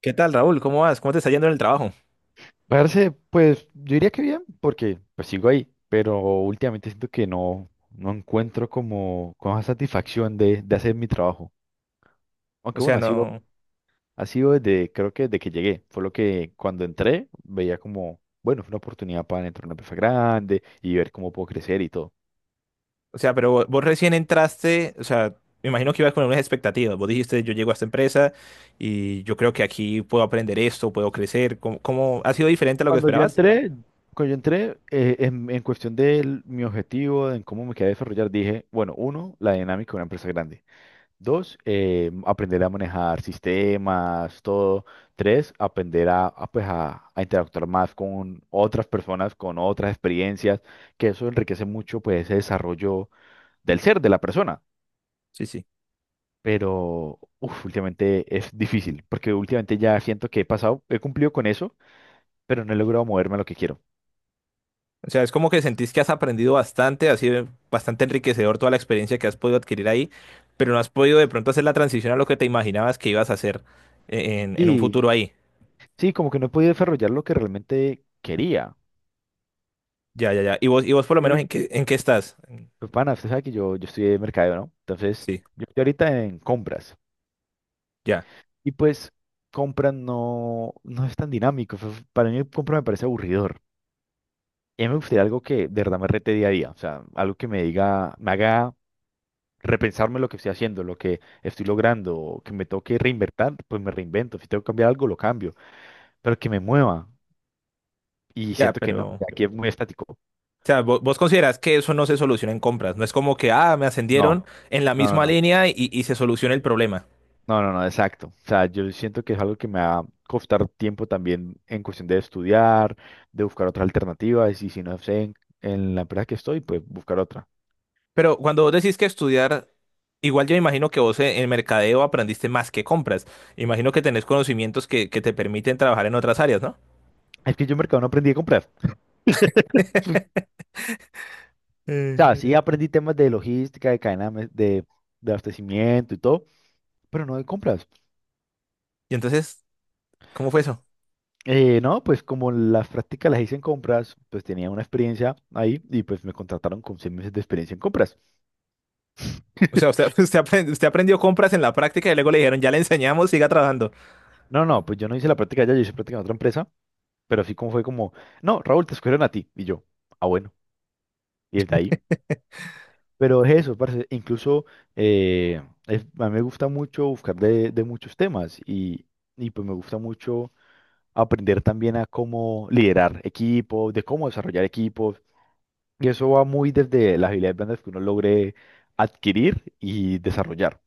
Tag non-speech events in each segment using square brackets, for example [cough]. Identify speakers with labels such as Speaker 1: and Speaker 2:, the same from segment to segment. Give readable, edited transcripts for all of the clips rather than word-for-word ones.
Speaker 1: ¿Qué tal, Raúl? ¿Cómo vas? ¿Cómo te está yendo en el trabajo?
Speaker 2: Parce, pues yo diría que bien, porque pues sigo ahí, pero últimamente siento que no encuentro como esa satisfacción de hacer mi trabajo.
Speaker 1: O
Speaker 2: Aunque
Speaker 1: sea,
Speaker 2: bueno, ha sido,
Speaker 1: no,
Speaker 2: ha sido desde, creo que desde que llegué. Fue lo que cuando entré veía como, bueno, fue una oportunidad para entrar a una empresa grande y ver cómo puedo crecer y todo.
Speaker 1: pero vos recién entraste, o sea, me imagino que ibas con unas expectativas. Vos dijiste, yo llego a esta empresa y yo creo que aquí puedo aprender esto, puedo crecer. ¿Ha sido diferente a lo que
Speaker 2: Cuando yo
Speaker 1: esperabas?
Speaker 2: entré, cuando yo entré, en cuestión de mi objetivo, en cómo me quería desarrollar, dije, bueno, uno, la dinámica de una empresa grande. Dos, aprender a manejar sistemas, todo. Tres, aprender pues a interactuar más con otras personas, con otras experiencias, que eso enriquece mucho pues, ese desarrollo del ser, de la persona.
Speaker 1: Sí, sí.
Speaker 2: Pero uf, últimamente es difícil, porque últimamente ya siento que he pasado, he cumplido con eso, pero no he logrado moverme a lo que quiero.
Speaker 1: O sea, es como que sentís que has aprendido bastante, ha sido bastante enriquecedor toda la experiencia que has podido adquirir ahí, pero no has podido de pronto hacer la transición a lo que te imaginabas que ibas a hacer en un futuro
Speaker 2: Sí,
Speaker 1: ahí.
Speaker 2: sí, como que no he podido desarrollar lo que realmente quería.
Speaker 1: Ya, ya, ya. ¿Y vos por lo menos
Speaker 2: Sí.
Speaker 1: en qué estás?
Speaker 2: Pues, pana, usted sabe que yo estudié mercadeo, ¿no? Entonces,
Speaker 1: Sí,
Speaker 2: yo estoy ahorita en compras.
Speaker 1: ya,
Speaker 2: Y pues compra no es tan dinámico. Para mí compra me parece aburridor. Y a mí me gustaría algo que de verdad me rete día a día. O sea, algo que me diga, me haga repensarme lo que estoy haciendo, lo que estoy logrando, o que me toque reinventar, pues me reinvento. Si tengo que cambiar algo, lo cambio. Pero que me mueva. Y
Speaker 1: ya,
Speaker 2: siento que no,
Speaker 1: pero
Speaker 2: que aquí es muy estático.
Speaker 1: sea, vos, considerás que eso no se soluciona en compras. No es como que, ah, me
Speaker 2: No,
Speaker 1: ascendieron en la
Speaker 2: no, no,
Speaker 1: misma
Speaker 2: no.
Speaker 1: línea y se soluciona el problema.
Speaker 2: No, no, no, exacto. O sea, yo siento que es algo que me va a costar tiempo también en cuestión de estudiar, de buscar otras alternativas, y si no sé en la empresa que estoy, pues buscar otra.
Speaker 1: Pero cuando vos decís que estudiar, igual yo imagino que vos en mercadeo aprendiste más que compras. Imagino que tenés conocimientos que te permiten trabajar en otras áreas, ¿no?
Speaker 2: Es que yo en mercado no aprendí a comprar. O
Speaker 1: Eh,
Speaker 2: sea, sí, ujú. Aprendí temas de logística, de cadena de abastecimiento y todo, pero no de compras.
Speaker 1: Y entonces, ¿cómo fue eso?
Speaker 2: No, pues como las prácticas las hice en compras, pues tenía una experiencia ahí y pues me contrataron con 6 meses de experiencia en compras.
Speaker 1: O sea, usted,
Speaker 2: [laughs]
Speaker 1: [laughs] usted aprendió compras en la práctica y luego le dijeron, ya le enseñamos, siga trabajando.
Speaker 2: No, no, pues yo no hice la práctica allá, yo hice práctica en otra empresa. Pero así como fue como, no, Raúl, te escogieron a ti. Y yo, ah, bueno, y desde ahí. Pero es eso, parce, incluso a mí me gusta mucho buscar de muchos temas y pues me gusta mucho aprender también a cómo liderar equipos, de cómo desarrollar equipos. Y eso va muy desde las habilidades blandas que uno logre adquirir y desarrollar.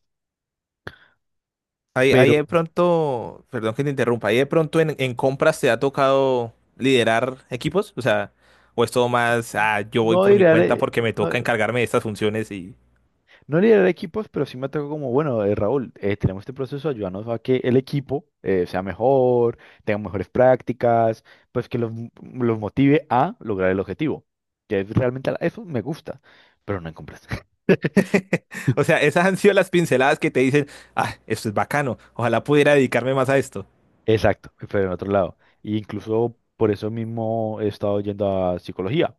Speaker 1: Ahí
Speaker 2: Pero
Speaker 1: de pronto, perdón que te interrumpa, ahí de pronto en compras te ha tocado liderar equipos, o sea, o es todo más, ah, yo voy
Speaker 2: no
Speaker 1: por mi cuenta
Speaker 2: diré,
Speaker 1: porque me toca encargarme de estas funciones.
Speaker 2: no liderar equipos, pero sí me atacó como, bueno, Raúl, tenemos este proceso, ayúdanos a que el equipo sea mejor, tenga mejores prácticas, pues que los motive a lograr el objetivo. Que es realmente eso me gusta, pero no en compras. [laughs]
Speaker 1: [laughs] O sea, esas han sido las pinceladas que te dicen, ah, esto es bacano, ojalá pudiera dedicarme más a esto.
Speaker 2: Exacto, pero en otro lado. Y incluso por eso mismo he estado yendo a psicología,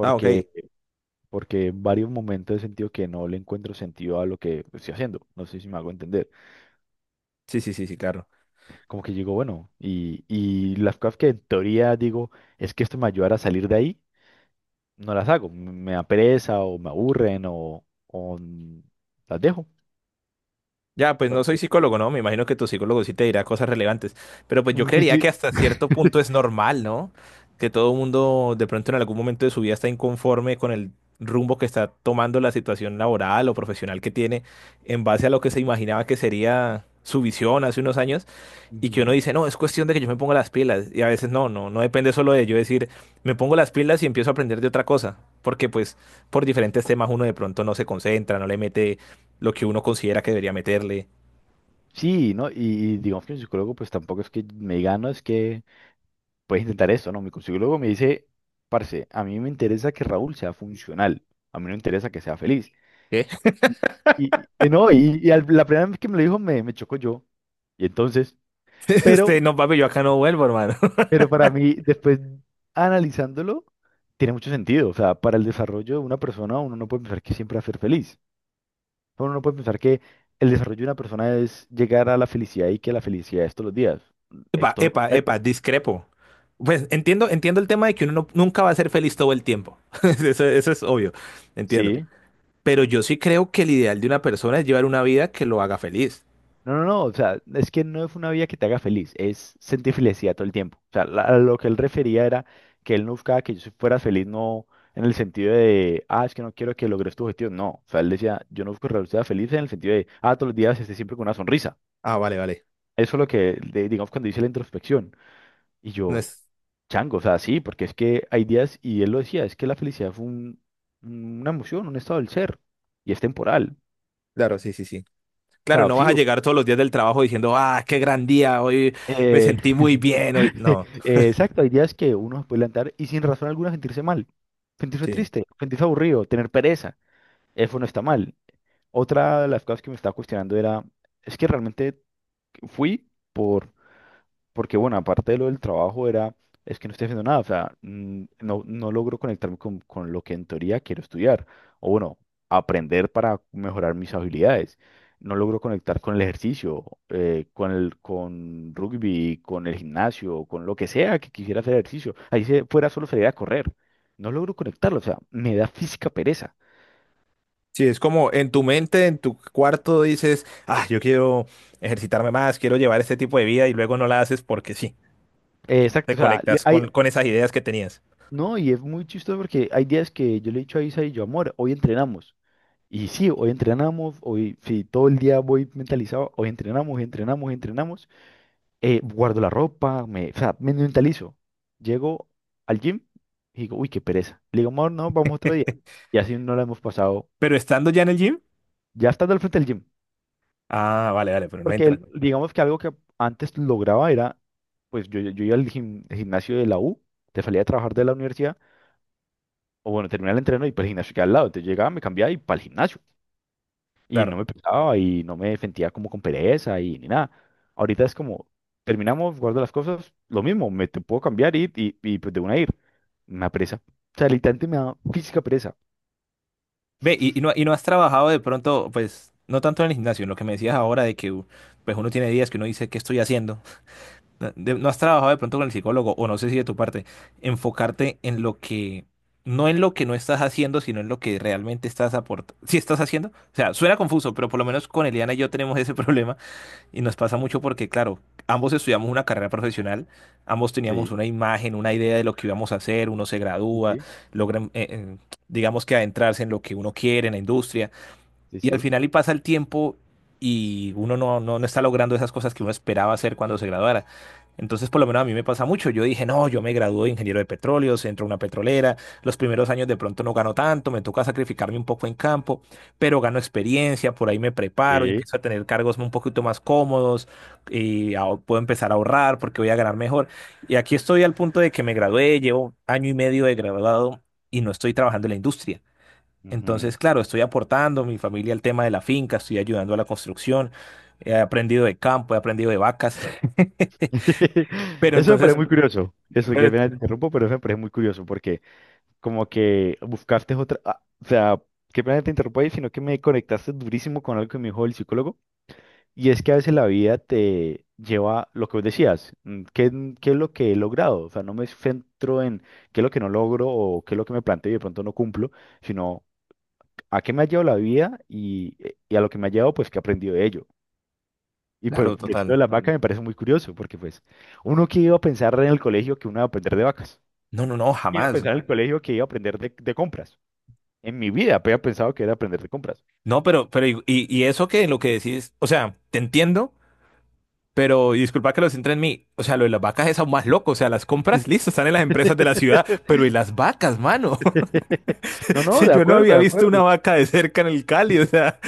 Speaker 1: Ah, ok,
Speaker 2: porque en varios momentos he sentido que no le encuentro sentido a lo que estoy haciendo. No sé si me hago entender.
Speaker 1: sí, sí, sí, sí, claro.
Speaker 2: Como que digo, bueno, y las cosas que en teoría digo, es que esto me ayudará a salir de ahí, no las hago, me da pereza o me aburren o las dejo.
Speaker 1: Ya, pues
Speaker 2: Por
Speaker 1: no soy
Speaker 2: ejemplo,
Speaker 1: psicólogo, ¿no? Me imagino que tu psicólogo sí te dirá cosas relevantes, pero pues yo
Speaker 2: mi
Speaker 1: creería que
Speaker 2: psi-
Speaker 1: hasta cierto punto es normal, ¿no? Que todo mundo de pronto en algún momento de su vida está inconforme con el rumbo que está tomando la situación laboral o profesional que tiene en base a lo que se imaginaba que sería su visión hace unos años y que uno
Speaker 2: ujú.
Speaker 1: dice, no, es cuestión de que yo me ponga las pilas y a veces no, no, no depende solo de yo decir, me pongo las pilas y empiezo a aprender de otra cosa, porque pues por diferentes temas uno de pronto no se concentra, no le mete lo que uno considera que debería meterle.
Speaker 2: Sí, ¿no? Y digamos que mi psicólogo pues tampoco es que me diga, no, es que puedes intentar esto, ¿no? Mi psicólogo me dice, parce, a mí me interesa que Raúl sea funcional, a mí no me interesa que sea feliz.
Speaker 1: ¿Qué? [laughs]
Speaker 2: Y no, la primera vez que me lo dijo, me chocó yo. Y entonces, pero...
Speaker 1: Este, no, papi, yo acá no vuelvo, hermano. [laughs]
Speaker 2: Pero para mí, después analizándolo, tiene mucho sentido. O sea, para el desarrollo de una persona, uno no puede pensar que siempre va a ser feliz. Uno no puede pensar que el desarrollo de una persona es llegar a la felicidad y que la felicidad es todos los días. Es
Speaker 1: Epa,
Speaker 2: todo lo
Speaker 1: epa, epa,
Speaker 2: contrario.
Speaker 1: discrepo. Pues entiendo, entiendo el tema de que uno nunca va a ser feliz todo el tiempo. [laughs] Eso es obvio, entiendo.
Speaker 2: Sí.
Speaker 1: Pero yo sí creo que el ideal de una persona es llevar una vida que lo haga feliz.
Speaker 2: No, no, no. O sea, es que no es una vida que te haga feliz. Es sentir felicidad todo el tiempo. O sea, a lo que él refería era que él no buscaba que yo fuera feliz, no en el sentido de, ah, es que no quiero que logres tu objetivo. No. O sea, él decía, yo no busco que sea feliz en el sentido de, ah, todos los días esté siempre con una sonrisa.
Speaker 1: Ah, vale, vale.
Speaker 2: Eso es lo que, digamos, cuando dice la introspección. Y
Speaker 1: No
Speaker 2: yo,
Speaker 1: es,
Speaker 2: chango, o sea, sí, porque es que hay días, y él lo decía, es que la felicidad fue una emoción, un estado del ser, y es temporal.
Speaker 1: claro, sí, sí, sí.
Speaker 2: O
Speaker 1: Claro,
Speaker 2: sea,
Speaker 1: no
Speaker 2: sí,
Speaker 1: vas a llegar todos los días del trabajo diciendo, ah, qué gran día, hoy me
Speaker 2: eh,
Speaker 1: sentí muy bien, hoy. No,
Speaker 2: [laughs] exacto, hay días que uno se puede levantar y sin razón alguna sentirse mal, sentirse
Speaker 1: sí,
Speaker 2: triste, sentirse aburrido, tener pereza, eso no está mal. Otra de las cosas que me estaba cuestionando era, es que realmente fui por... Porque bueno, aparte de lo del trabajo era, es que no estoy haciendo nada, o sea, no logro conectarme con lo que en teoría quiero estudiar, o bueno, aprender para mejorar mis habilidades. No logro conectar con el ejercicio, con rugby, con el gimnasio, con lo que sea que quisiera hacer ejercicio. Ahí se fuera solo sería a correr. No logro conectarlo, o sea, me da física pereza.
Speaker 1: sí, es como en tu mente, en tu cuarto dices, ah, yo quiero ejercitarme más, quiero llevar este tipo de vida y luego no la haces porque sí,
Speaker 2: Exacto,
Speaker 1: te
Speaker 2: o sea,
Speaker 1: conectas
Speaker 2: hay,
Speaker 1: con esas ideas que tenías.
Speaker 2: no, y es muy chistoso porque hay días que yo le he dicho a Isa y yo, amor, hoy entrenamos. Y sí, hoy entrenamos, hoy sí, todo el día voy mentalizado, hoy entrenamos, entrenamos, entrenamos, guardo la ropa, me, o sea, me mentalizo. Llego al gym y digo, uy, qué pereza. Le digo, amor, no, vamos otro día. Y así no la hemos pasado,
Speaker 1: Pero estando ya en el gym,
Speaker 2: ya estando al frente del gym.
Speaker 1: ah, vale, vale, pero no
Speaker 2: Porque
Speaker 1: entra,
Speaker 2: digamos que algo que antes lograba era, pues yo iba al gimnasio de la U, te salía a trabajar de la universidad, o bueno, terminaba el entreno y para el gimnasio que al lado. Entonces llegaba, me cambiaba y para el gimnasio. Y no
Speaker 1: claro.
Speaker 2: me pesaba y no me sentía como con pereza y ni nada. Ahorita es como, terminamos, guardo las cosas, lo mismo, me te puedo cambiar y pues de una ir. Me da pereza. O sea, literalmente me da física pereza.
Speaker 1: Ve, y no, y no has trabajado de pronto, pues, no tanto en el gimnasio, en lo que me decías ahora de que pues uno tiene días que uno dice, ¿qué estoy haciendo? No has trabajado de pronto con el psicólogo, o no sé si de tu parte, enfocarte en lo que, no en lo que no estás haciendo, sino en lo que realmente estás aportando. Si estás haciendo, o sea, suena confuso, pero por lo menos con Eliana y yo tenemos ese [laughs] problema y nos pasa mucho porque, claro, ambos estudiamos una carrera profesional, ambos teníamos
Speaker 2: Sí,
Speaker 1: una imagen, una idea de lo que íbamos a hacer, uno se
Speaker 2: sí,
Speaker 1: gradúa,
Speaker 2: sí,
Speaker 1: logra, digamos que adentrarse en lo que uno quiere, en la industria.
Speaker 2: sí,
Speaker 1: Y al
Speaker 2: sí.
Speaker 1: final y pasa el tiempo y uno no, no, no está logrando esas cosas que uno esperaba hacer cuando se graduara. Entonces, por lo menos a mí me pasa mucho. Yo dije, no, yo me gradúo de ingeniero de petróleos, entro a una petrolera, los primeros años de pronto no gano tanto, me toca sacrificarme un poco en campo, pero gano experiencia, por ahí me preparo y
Speaker 2: Sí,
Speaker 1: empiezo a tener cargos un poquito más cómodos y ah, puedo empezar a ahorrar porque voy a ganar mejor. Y aquí estoy al punto de que me gradué, llevo año y medio de graduado y no estoy trabajando en la industria.
Speaker 2: ujú.
Speaker 1: Entonces, claro, estoy aportando mi familia al tema de la finca, estoy ayudando a la construcción, he aprendido de campo, he aprendido de vacas. [laughs]
Speaker 2: [laughs]
Speaker 1: Pero
Speaker 2: Eso me parece
Speaker 1: entonces,
Speaker 2: muy [laughs] curioso. Eso, que
Speaker 1: pero-
Speaker 2: pena te interrumpo, pero eso me parece muy curioso porque como que buscaste otra, ah, o sea, qué pena te interrumpo ahí, sino que me conectaste durísimo con algo que me dijo el psicólogo. Y es que a veces la vida te lleva lo que vos decías, ¿qué, es lo que he logrado? O sea, no me centro en qué es lo que no logro o qué es lo que me planteo y de pronto no cumplo, sino a qué me ha llevado la vida y y a lo que me ha llevado, pues, que he aprendido de ello. Y pues
Speaker 1: claro,
Speaker 2: decirlo de
Speaker 1: total.
Speaker 2: las vacas me parece muy curioso, porque pues uno que iba a pensar en el colegio que uno iba a aprender de vacas,
Speaker 1: No, no, no,
Speaker 2: iba a
Speaker 1: jamás.
Speaker 2: pensar en el colegio que iba a aprender de compras. En mi vida había pensado que era aprender de compras.
Speaker 1: No, pero, y eso que lo que decís, o sea, te entiendo, pero y disculpa que lo centre en mí. O sea, lo de las vacas es aún más loco. O sea, las compras, [laughs] listo, están en las empresas de la ciudad, pero ¿y
Speaker 2: [laughs]
Speaker 1: las vacas, mano? [laughs]
Speaker 2: [laughs] No, no,
Speaker 1: Si
Speaker 2: de
Speaker 1: yo no
Speaker 2: acuerdo,
Speaker 1: había
Speaker 2: de
Speaker 1: visto una
Speaker 2: acuerdo.
Speaker 1: vaca de cerca en el Cali, o sea.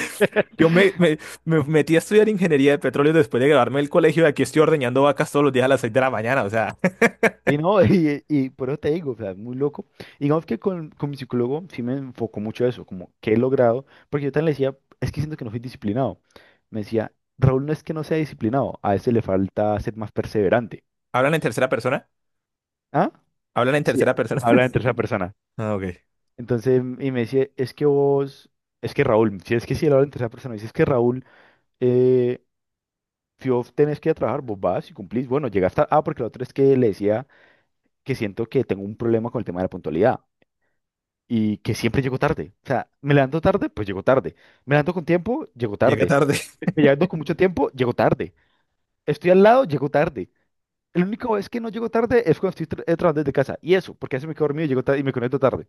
Speaker 1: Yo me metí a estudiar ingeniería de petróleo después de graduarme del colegio y aquí estoy ordeñando vacas todos los días a las 6 de la mañana. O sea, [laughs]
Speaker 2: Y no, [laughs] y por eso te digo, o sea, muy loco. Y digamos que con mi psicólogo sí me enfocó mucho eso, como que he logrado, porque yo también le decía, es que siento que no soy disciplinado. Me decía, Raúl no es que no sea disciplinado, a ese le falta ser más perseverante.
Speaker 1: ¿Hablan en tercera persona?
Speaker 2: ¿Ah?
Speaker 1: ¿Hablan en
Speaker 2: Sí,
Speaker 1: tercera persona? [laughs]
Speaker 2: habla en tercera persona.
Speaker 1: Ah, ok.
Speaker 2: Entonces, y me decía, es que vos, es que Raúl, si es que si él habla en tercera persona, me dice, es que Raúl, eh, si vos tenés que ir a trabajar, vos vas y cumplís. Bueno, llegaste, ah, porque lo otro es que le decía que siento que tengo un problema con el tema de la puntualidad. Y que siempre llego tarde. O sea, me levanto tarde, pues llego tarde. Me levanto con tiempo, llego
Speaker 1: Llega
Speaker 2: tarde.
Speaker 1: tarde. [laughs]
Speaker 2: Me levanto con mucho tiempo, llego tarde. Estoy al lado, llego tarde. El único vez que no llego tarde es cuando estoy trabajando desde casa. Y eso, porque a veces me quedo dormido y llego tarde y me conecto tarde.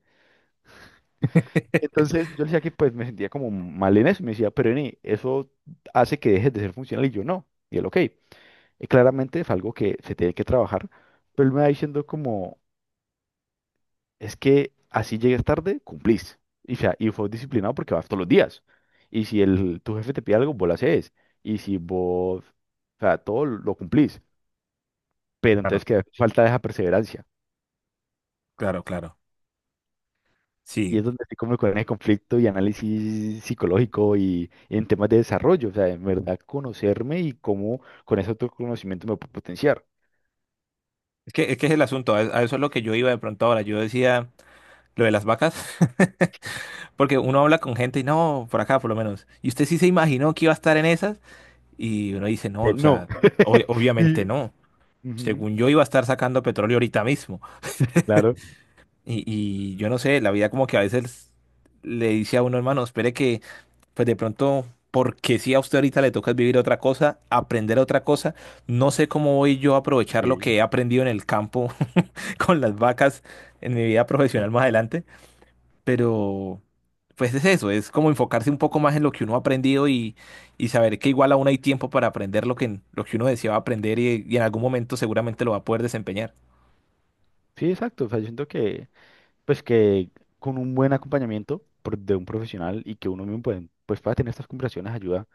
Speaker 2: Entonces yo le decía que pues me sentía como mal en eso. Y me decía, pero Eni, eso hace que dejes de ser funcional. Y yo, no. Y él, ok. Y claramente es algo que se tiene que trabajar. Pero él me va diciendo como, es que así llegues tarde, cumplís. Y, o sea, y fue disciplinado porque vas todos los días. Y si el, tu jefe te pide algo, vos lo haces. Y si vos, o sea, todo lo cumplís. Pero
Speaker 1: Claro,
Speaker 2: entonces que falta esa perseverancia.
Speaker 1: claro, claro.
Speaker 2: Y
Speaker 1: Sí,
Speaker 2: es donde se come con el conflicto y análisis psicológico y, en temas de desarrollo. O sea, en verdad conocerme y cómo con ese autoconocimiento me puedo potenciar.
Speaker 1: es que es el asunto, a eso es lo que yo iba de pronto ahora. Yo decía lo de las vacas, [laughs] porque uno habla con gente y no, por acá por lo menos. Y usted sí se imaginó que iba a estar en esas y uno dice, no,
Speaker 2: Que
Speaker 1: o
Speaker 2: no.
Speaker 1: sea,
Speaker 2: [laughs] Y,
Speaker 1: obviamente no.
Speaker 2: ujú,
Speaker 1: Según yo iba a estar sacando petróleo ahorita mismo.
Speaker 2: claro.
Speaker 1: Y yo no sé, la vida como que a veces le dice a uno, hermano, espere que, pues de pronto, porque si a usted ahorita le toca vivir otra cosa, aprender otra cosa, no sé cómo voy yo a aprovechar lo
Speaker 2: Sí.
Speaker 1: que he aprendido en el campo [laughs] con las vacas en mi vida profesional más adelante, pero pues es eso, es como enfocarse un poco más en lo que uno ha aprendido y saber que igual aún hay tiempo para aprender lo que uno deseaba aprender y en algún momento seguramente lo va a poder desempeñar.
Speaker 2: Sí, exacto. O sea, yo siento que pues que con un buen acompañamiento de un profesional y que uno mismo pues pueda tener estas conversaciones ayuda.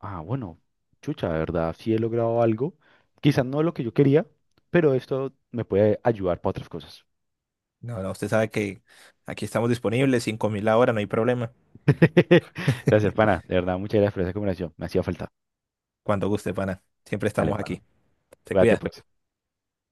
Speaker 2: Ah, bueno, chucha, de verdad sí he logrado algo, quizás no lo que yo quería, pero esto me puede ayudar para otras cosas.
Speaker 1: No, no, usted sabe que aquí estamos disponibles, 5.000 la hora, no hay problema.
Speaker 2: [laughs] Gracias,
Speaker 1: [laughs]
Speaker 2: pana, de verdad, muchas gracias por esa conversación, me hacía falta.
Speaker 1: Cuando guste, pana. Siempre
Speaker 2: Dale,
Speaker 1: estamos
Speaker 2: pana.
Speaker 1: aquí. Se
Speaker 2: Cuídate,
Speaker 1: cuida.
Speaker 2: pues.